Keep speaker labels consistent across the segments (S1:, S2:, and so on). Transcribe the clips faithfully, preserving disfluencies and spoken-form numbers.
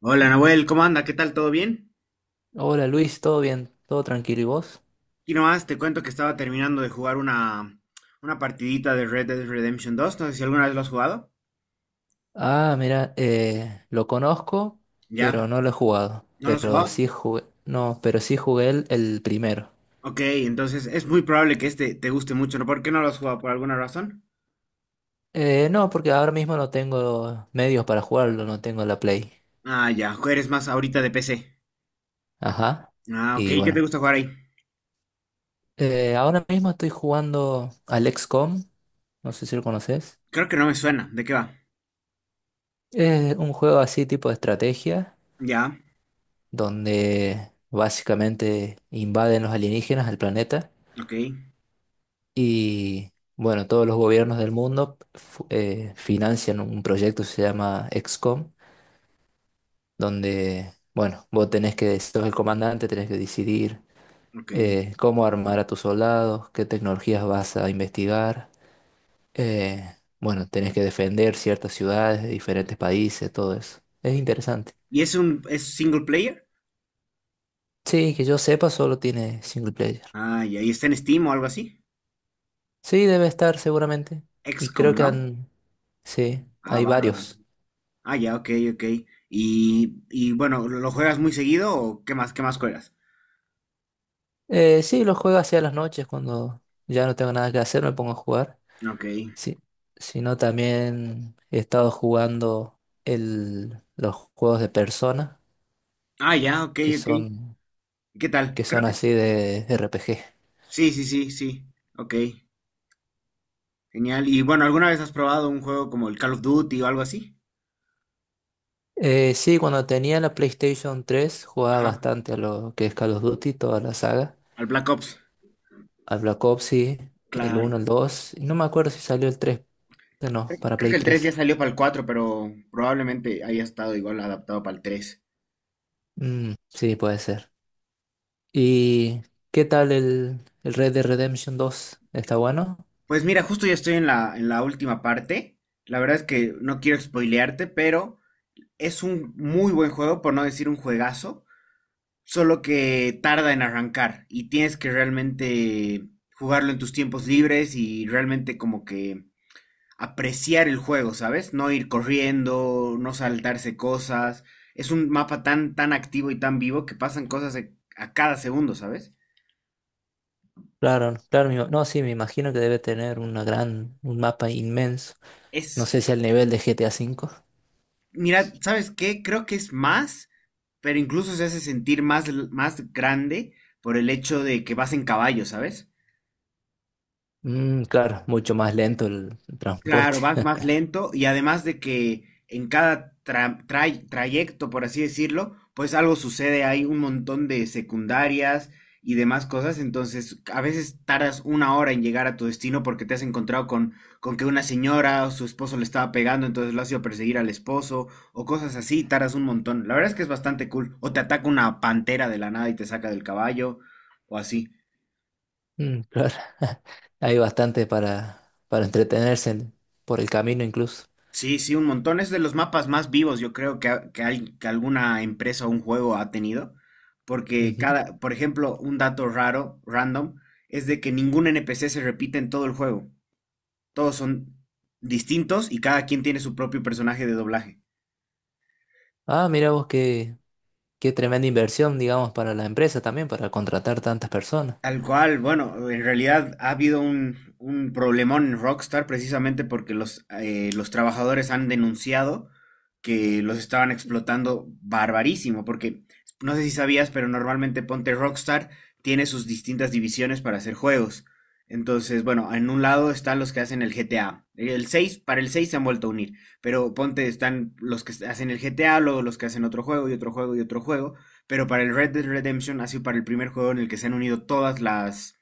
S1: Hola Nahuel, ¿cómo anda? ¿Qué tal? ¿Todo bien?
S2: Hola Luis, ¿todo bien? ¿Todo tranquilo y vos?
S1: Aquí nomás te cuento que estaba terminando de jugar una, una partidita de Red Dead Redemption dos. No sé si alguna vez lo has jugado.
S2: Ah, mira, eh, lo conozco,
S1: ¿Ya?
S2: pero no lo he jugado.
S1: ¿No lo has
S2: Pero
S1: jugado?
S2: sí jugué, no, pero sí jugué el, el primero.
S1: Ok, entonces es muy probable que este te guste mucho, ¿no? ¿Por qué no lo has jugado? ¿Por alguna razón?
S2: Eh, no, porque ahora mismo no tengo medios para jugarlo, no tengo la Play.
S1: Ah, ya, eres más ahorita de P C.
S2: Ajá.
S1: Ah, ok,
S2: Y
S1: ¿qué te
S2: bueno,
S1: gusta jugar ahí?
S2: eh, ahora mismo estoy jugando al equis com, no sé si lo conoces.
S1: Creo que no me suena. ¿De qué va?
S2: Es un juego así tipo de estrategia,
S1: Ya,
S2: donde básicamente invaden los alienígenas al planeta.
S1: ok,
S2: Y bueno, todos los gobiernos del mundo fu- eh, financian un proyecto que se llama equis com, donde, bueno, vos tenés que, sos el comandante, tenés que decidir
S1: ok.
S2: eh, cómo armar a tus soldados, qué tecnologías vas a investigar. eh, bueno, tenés que defender ciertas ciudades de diferentes países, todo eso. Es interesante.
S1: ¿Y es un es single player?
S2: Sí, que yo sepa, solo tiene single player.
S1: Ah, ya, ¿y está en Steam o algo así?
S2: Sí, debe estar seguramente. Y creo
S1: X COM,
S2: que
S1: ¿no?
S2: han... Sí,
S1: Ah,
S2: hay
S1: bárbaro.
S2: varios.
S1: Ah, ya, ok, ok. Y, y bueno, ¿lo lo juegas muy seguido o qué más, qué más juegas?
S2: Eh, sí, los juego hacia las noches cuando ya no tengo nada que hacer, me pongo a jugar.
S1: Ok.
S2: Sí, sino también he estado jugando el, los juegos de Persona,
S1: Ah, ya, ok,
S2: que
S1: ok.
S2: son,
S1: ¿Qué tal?
S2: que
S1: Creo
S2: son
S1: que
S2: así
S1: s-
S2: de R P G.
S1: sí, sí, sí, sí. Ok, genial. Y bueno, ¿alguna vez has probado un juego como el Call of Duty o algo así?
S2: Eh, sí, cuando tenía la PlayStation tres jugaba
S1: Ajá,
S2: bastante a lo que es Call of Duty, toda la saga.
S1: al Black Ops.
S2: Al Black Ops, sí, el
S1: Claro.
S2: uno, el dos. No me acuerdo si salió el tres, no, para
S1: Creo
S2: Play
S1: que el tres ya
S2: tres.
S1: salió para el cuatro, pero probablemente haya estado igual adaptado para el tres.
S2: Mm, sí, puede ser. ¿Y qué tal el, el Red Dead Redemption dos? ¿Está bueno?
S1: Pues mira, justo ya estoy en la, en la última parte. La verdad es que no quiero spoilearte, pero es un muy buen juego, por no decir un juegazo. Solo que tarda en arrancar y tienes que realmente jugarlo en tus tiempos libres y realmente como que apreciar el juego, ¿sabes? No ir corriendo, no saltarse cosas. Es un mapa tan, tan activo y tan vivo que pasan cosas a a cada segundo, ¿sabes?
S2: Claro, claro, me ima- no, sí, me imagino que debe tener una gran, un mapa inmenso. No
S1: Es,
S2: sé si al nivel de G T A cinco.
S1: mira, ¿sabes qué? Creo que es más, pero incluso se hace sentir más, más grande por el hecho de que vas en caballo, ¿sabes?
S2: Mm, claro, mucho más lento el transporte.
S1: Claro, vas más lento y además de que en cada tra- tray- trayecto, por así decirlo, pues algo sucede, hay un montón de secundarias y demás cosas, entonces a veces tardas una hora en llegar a tu destino porque te has encontrado con, con que una señora o su esposo le estaba pegando, entonces lo has ido a perseguir al esposo o cosas así, tardas un montón. La verdad es que es bastante cool. O te ataca una pantera de la nada y te saca del caballo o así.
S2: Mm, claro, hay bastante para, para entretenerse en- por el camino incluso.
S1: Sí, sí, un montón. Es de los mapas más vivos, yo creo, que, ha- que, hay- que alguna empresa o un juego ha tenido. Porque
S2: Ujú.
S1: cada, por ejemplo, un dato raro, random, es de que ningún N P C se repite en todo el juego. Todos son distintos y cada quien tiene su propio personaje de doblaje.
S2: Ah, mira vos qué, qué tremenda inversión, digamos, para la empresa también, para contratar tantas personas.
S1: Tal cual, bueno, en realidad ha habido un, un problemón en Rockstar precisamente porque los, eh, los trabajadores han denunciado que los estaban explotando barbarísimo, porque no sé si sabías, pero normalmente Ponte Rockstar tiene sus distintas divisiones para hacer juegos. Entonces, bueno, en un lado están los que hacen el G T A. El seis para el seis se han vuelto a unir, pero ponte están los que hacen el G T A, luego los que hacen otro juego y otro juego y otro juego. Pero para el Red Dead Redemption ha sido para el primer juego en el que se han unido todas las,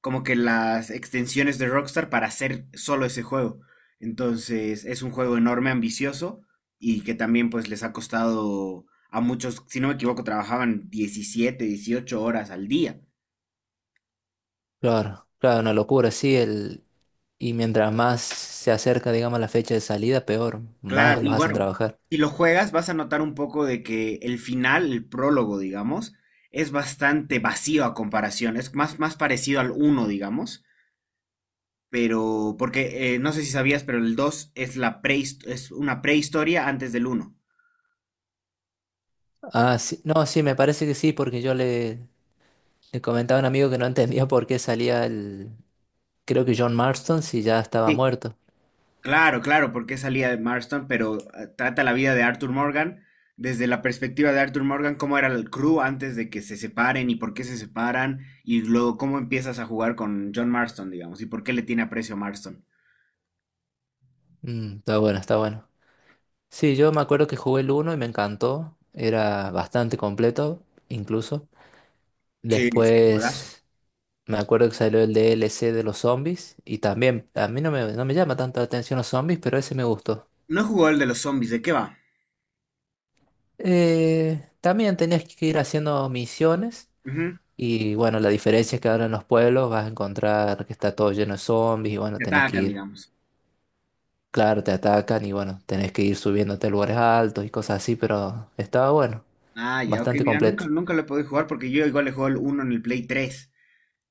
S1: como que las extensiones de Rockstar para hacer solo ese juego. Entonces es un juego enorme, ambicioso y que también pues les ha costado a muchos, si no me equivoco, trabajaban diecisiete, dieciocho horas al día.
S2: Claro, claro, una locura, sí, el, y mientras más se acerca, digamos, la fecha de salida, peor,
S1: Claro,
S2: más
S1: y
S2: los hacen
S1: bueno,
S2: trabajar.
S1: si lo juegas vas a notar un poco de que el final, el prólogo, digamos, es bastante vacío a comparación, es más, más parecido al uno digamos. Pero, porque eh, no sé si sabías, pero el dos es, la prehis- es una prehistoria antes del uno.
S2: Ah, sí, no, sí, me parece que sí, porque yo le, le comentaba a un amigo que no entendía por qué salía el, creo que John Marston si ya estaba
S1: Sí,
S2: muerto.
S1: claro, claro, porque salía de Marston, pero eh, trata la vida de Arthur Morgan desde la perspectiva de Arthur Morgan, cómo era el crew antes de que se separen y por qué se separan, y luego cómo empiezas a jugar con John Marston, digamos, y por qué le tiene aprecio a Marston.
S2: Mm, está bueno, está bueno. Sí, yo me acuerdo que jugué el uno y me encantó, era bastante completo, incluso.
S1: Sí, sí. Juegazo.
S2: Después me acuerdo que salió el D L C de los zombies y también, a mí no me, no me llama tanto la atención los zombies, pero ese me gustó.
S1: No jugó el de los zombies, ¿de qué va?
S2: Eh, también tenías que ir haciendo misiones
S1: Ujú.
S2: y bueno, la diferencia es que ahora en los pueblos vas a encontrar que está todo lleno de zombies y bueno,
S1: Te
S2: tenés que
S1: atacan,
S2: ir,
S1: digamos.
S2: claro, te atacan y bueno, tenés que ir subiéndote a lugares altos y cosas así, pero estaba bueno,
S1: Ah, ya, ok,
S2: bastante
S1: mira, nunca,
S2: completo.
S1: nunca lo he podido jugar porque yo igual le juego el uno en el Play tres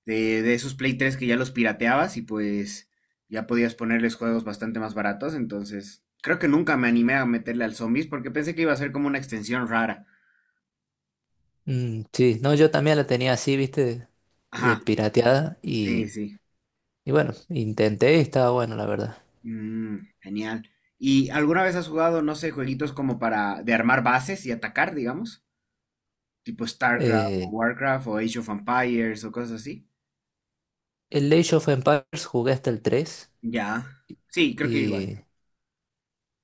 S1: de, de esos Play tres que ya los pirateabas y pues ya podías ponerles juegos bastante más baratos. Entonces, creo que nunca me animé a meterle al Zombies porque pensé que iba a ser como una extensión rara.
S2: Mm, sí, no, yo también la tenía así, viste, eh,
S1: Ajá,
S2: pirateada
S1: sí,
S2: y,
S1: sí.
S2: y bueno, intenté y estaba bueno, la verdad.
S1: Mm, genial. ¿Y alguna vez has jugado, no sé, jueguitos como para de armar bases y atacar, digamos? Tipo StarCraft o
S2: Eh,
S1: Warcraft o Age of Empires o cosas así.
S2: el Age of Empires jugué hasta el tres
S1: Ya. Sí, creo que igual.
S2: y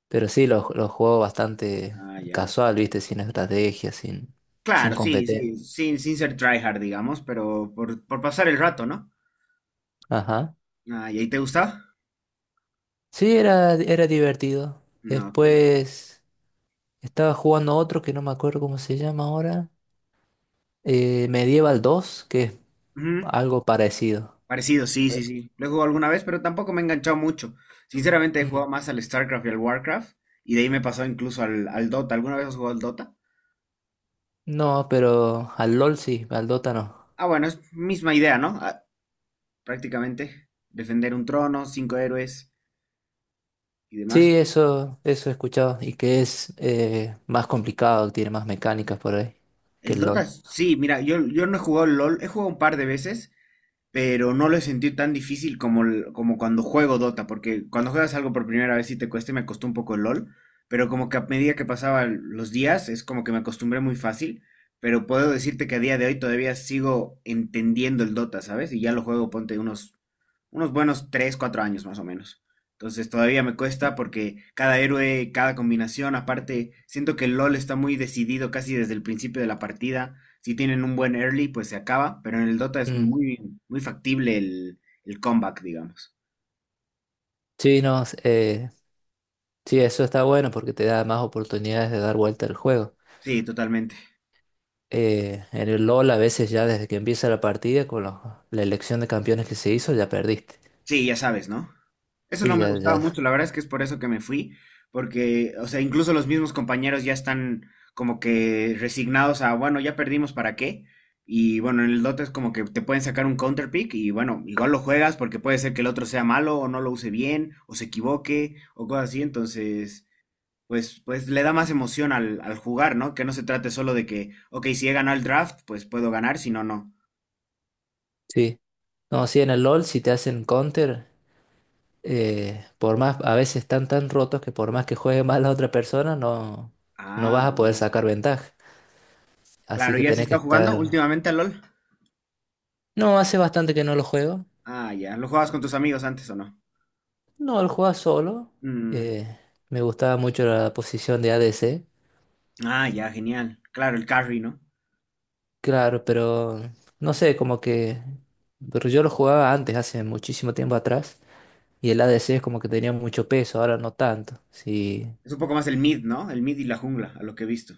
S2: pero sí, los, los juego bastante
S1: Ah, ya.
S2: casual, ¿viste? Sin estrategia, sin, sin
S1: Claro, sí,
S2: competencia.
S1: sí, sin, sin ser tryhard, digamos, pero por, por pasar el rato, ¿no?
S2: Ajá.
S1: Ah, ¿y ahí te gusta?
S2: Sí, era, era divertido.
S1: No, ok.
S2: Después estaba jugando otro que no me acuerdo cómo se llama ahora. eh, Medieval dos que es
S1: Ujú.
S2: algo parecido.
S1: Parecido, sí, sí, sí. Lo he jugado alguna vez, pero tampoco me he enganchado mucho. Sinceramente, he jugado
S2: Mm.
S1: más al StarCraft y al WarCraft, y de ahí me pasó incluso al, al Dota. ¿Alguna vez has jugado al Dota?
S2: No, pero al LOL sí, al Dota no.
S1: Ah, bueno, es misma idea, ¿no? Ah, prácticamente, defender un trono, cinco héroes y demás.
S2: Sí, eso, eso he escuchado. Y que es eh, más complicado, tiene más mecánicas por ahí que
S1: El
S2: el
S1: Dota,
S2: LOL.
S1: sí, mira, yo, yo no he jugado al LOL, he jugado un par de veces, pero no lo he sentido tan difícil como, el- como cuando juego Dota, porque cuando juegas algo por primera vez sí te cuesta y me costó un poco el LOL, pero como que a medida que pasaban los días es como que me acostumbré muy fácil, pero puedo decirte que a día de hoy todavía sigo entendiendo el Dota, ¿sabes? Y ya lo juego, ponte unos, unos buenos tres cuatro años más o menos. Entonces todavía me cuesta porque cada héroe, cada combinación, aparte, siento que el LOL está muy decidido casi desde el principio de la partida. Si tienen un buen early, pues se acaba, pero en el Dota es
S2: Mm.
S1: muy, muy factible el, el comeback, digamos.
S2: Sí, no, eh, Sí, eso está bueno porque te da más oportunidades de dar vuelta al juego.
S1: Sí, totalmente.
S2: Eh, en el LOL a veces ya desde que empieza la partida con los- la elección de campeones que se hizo ya perdiste.
S1: Sí, ya sabes, ¿no? Eso
S2: Sí,
S1: no me
S2: ya,
S1: gustaba
S2: ya.
S1: mucho, la verdad es que es por eso que me fui, porque, o sea, incluso los mismos compañeros ya están como que resignados a, bueno, ya perdimos, ¿para qué? Y bueno, en el Dota es como que te pueden sacar un counter pick y bueno, igual lo juegas porque puede ser que el otro sea malo o no lo use bien o se equivoque o cosas así, entonces pues, pues le da más emoción al, al jugar, ¿no? Que no se trate solo de que, ok, si he ganado el draft, pues puedo ganar, si no, no.
S2: Sí. No, sí, en el LOL si te hacen counter, eh, por más, a veces están tan rotos que por más que juegue mal la otra persona, no, no
S1: Ah,
S2: vas a poder sacar ventaja. Así
S1: claro,
S2: que
S1: ¿ya se
S2: tenés que
S1: está jugando
S2: estar...
S1: últimamente al LOL?
S2: No, hace bastante que no lo juego.
S1: Ah, ya, ¿lo jugabas con tus amigos antes o no?
S2: No, lo jugaba solo.
S1: Mm,
S2: Eh, me gustaba mucho la posición de A D C.
S1: ah, ya, genial. Claro, el carry, ¿no?
S2: Claro, pero no sé, como que pero yo lo jugaba antes, hace muchísimo tiempo atrás, y el A D C es como que tenía mucho peso, ahora no tanto. Sí,
S1: Es un poco más el mid, ¿no? El mid y la jungla, a lo que he visto.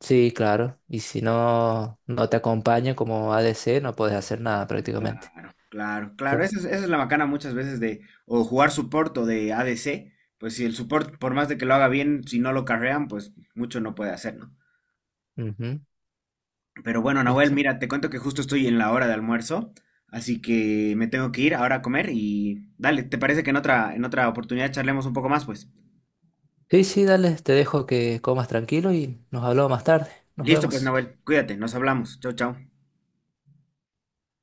S2: sí, claro. Y si no, no te acompaña como A D C, no puedes hacer nada
S1: Claro,
S2: prácticamente.
S1: claro, claro.
S2: Tú-
S1: Esa es, esa es la macana muchas veces de o jugar support o de A D C. Pues si el support, por más de que lo haga bien, si no lo carrean, pues mucho no puede hacer, ¿no?
S2: Ujú,
S1: Pero bueno, Nahuel,
S2: exacto.
S1: mira, te cuento que justo estoy en la hora de almuerzo, así que me tengo que ir ahora a comer y dale, ¿te parece que en otra, en otra oportunidad charlemos un poco más, pues?
S2: Sí, sí, dale, te dejo que comas tranquilo y nos hablamos más tarde. Nos
S1: Listo, pues,
S2: vemos.
S1: Nahuel, cuídate, nos hablamos. Chau, chau.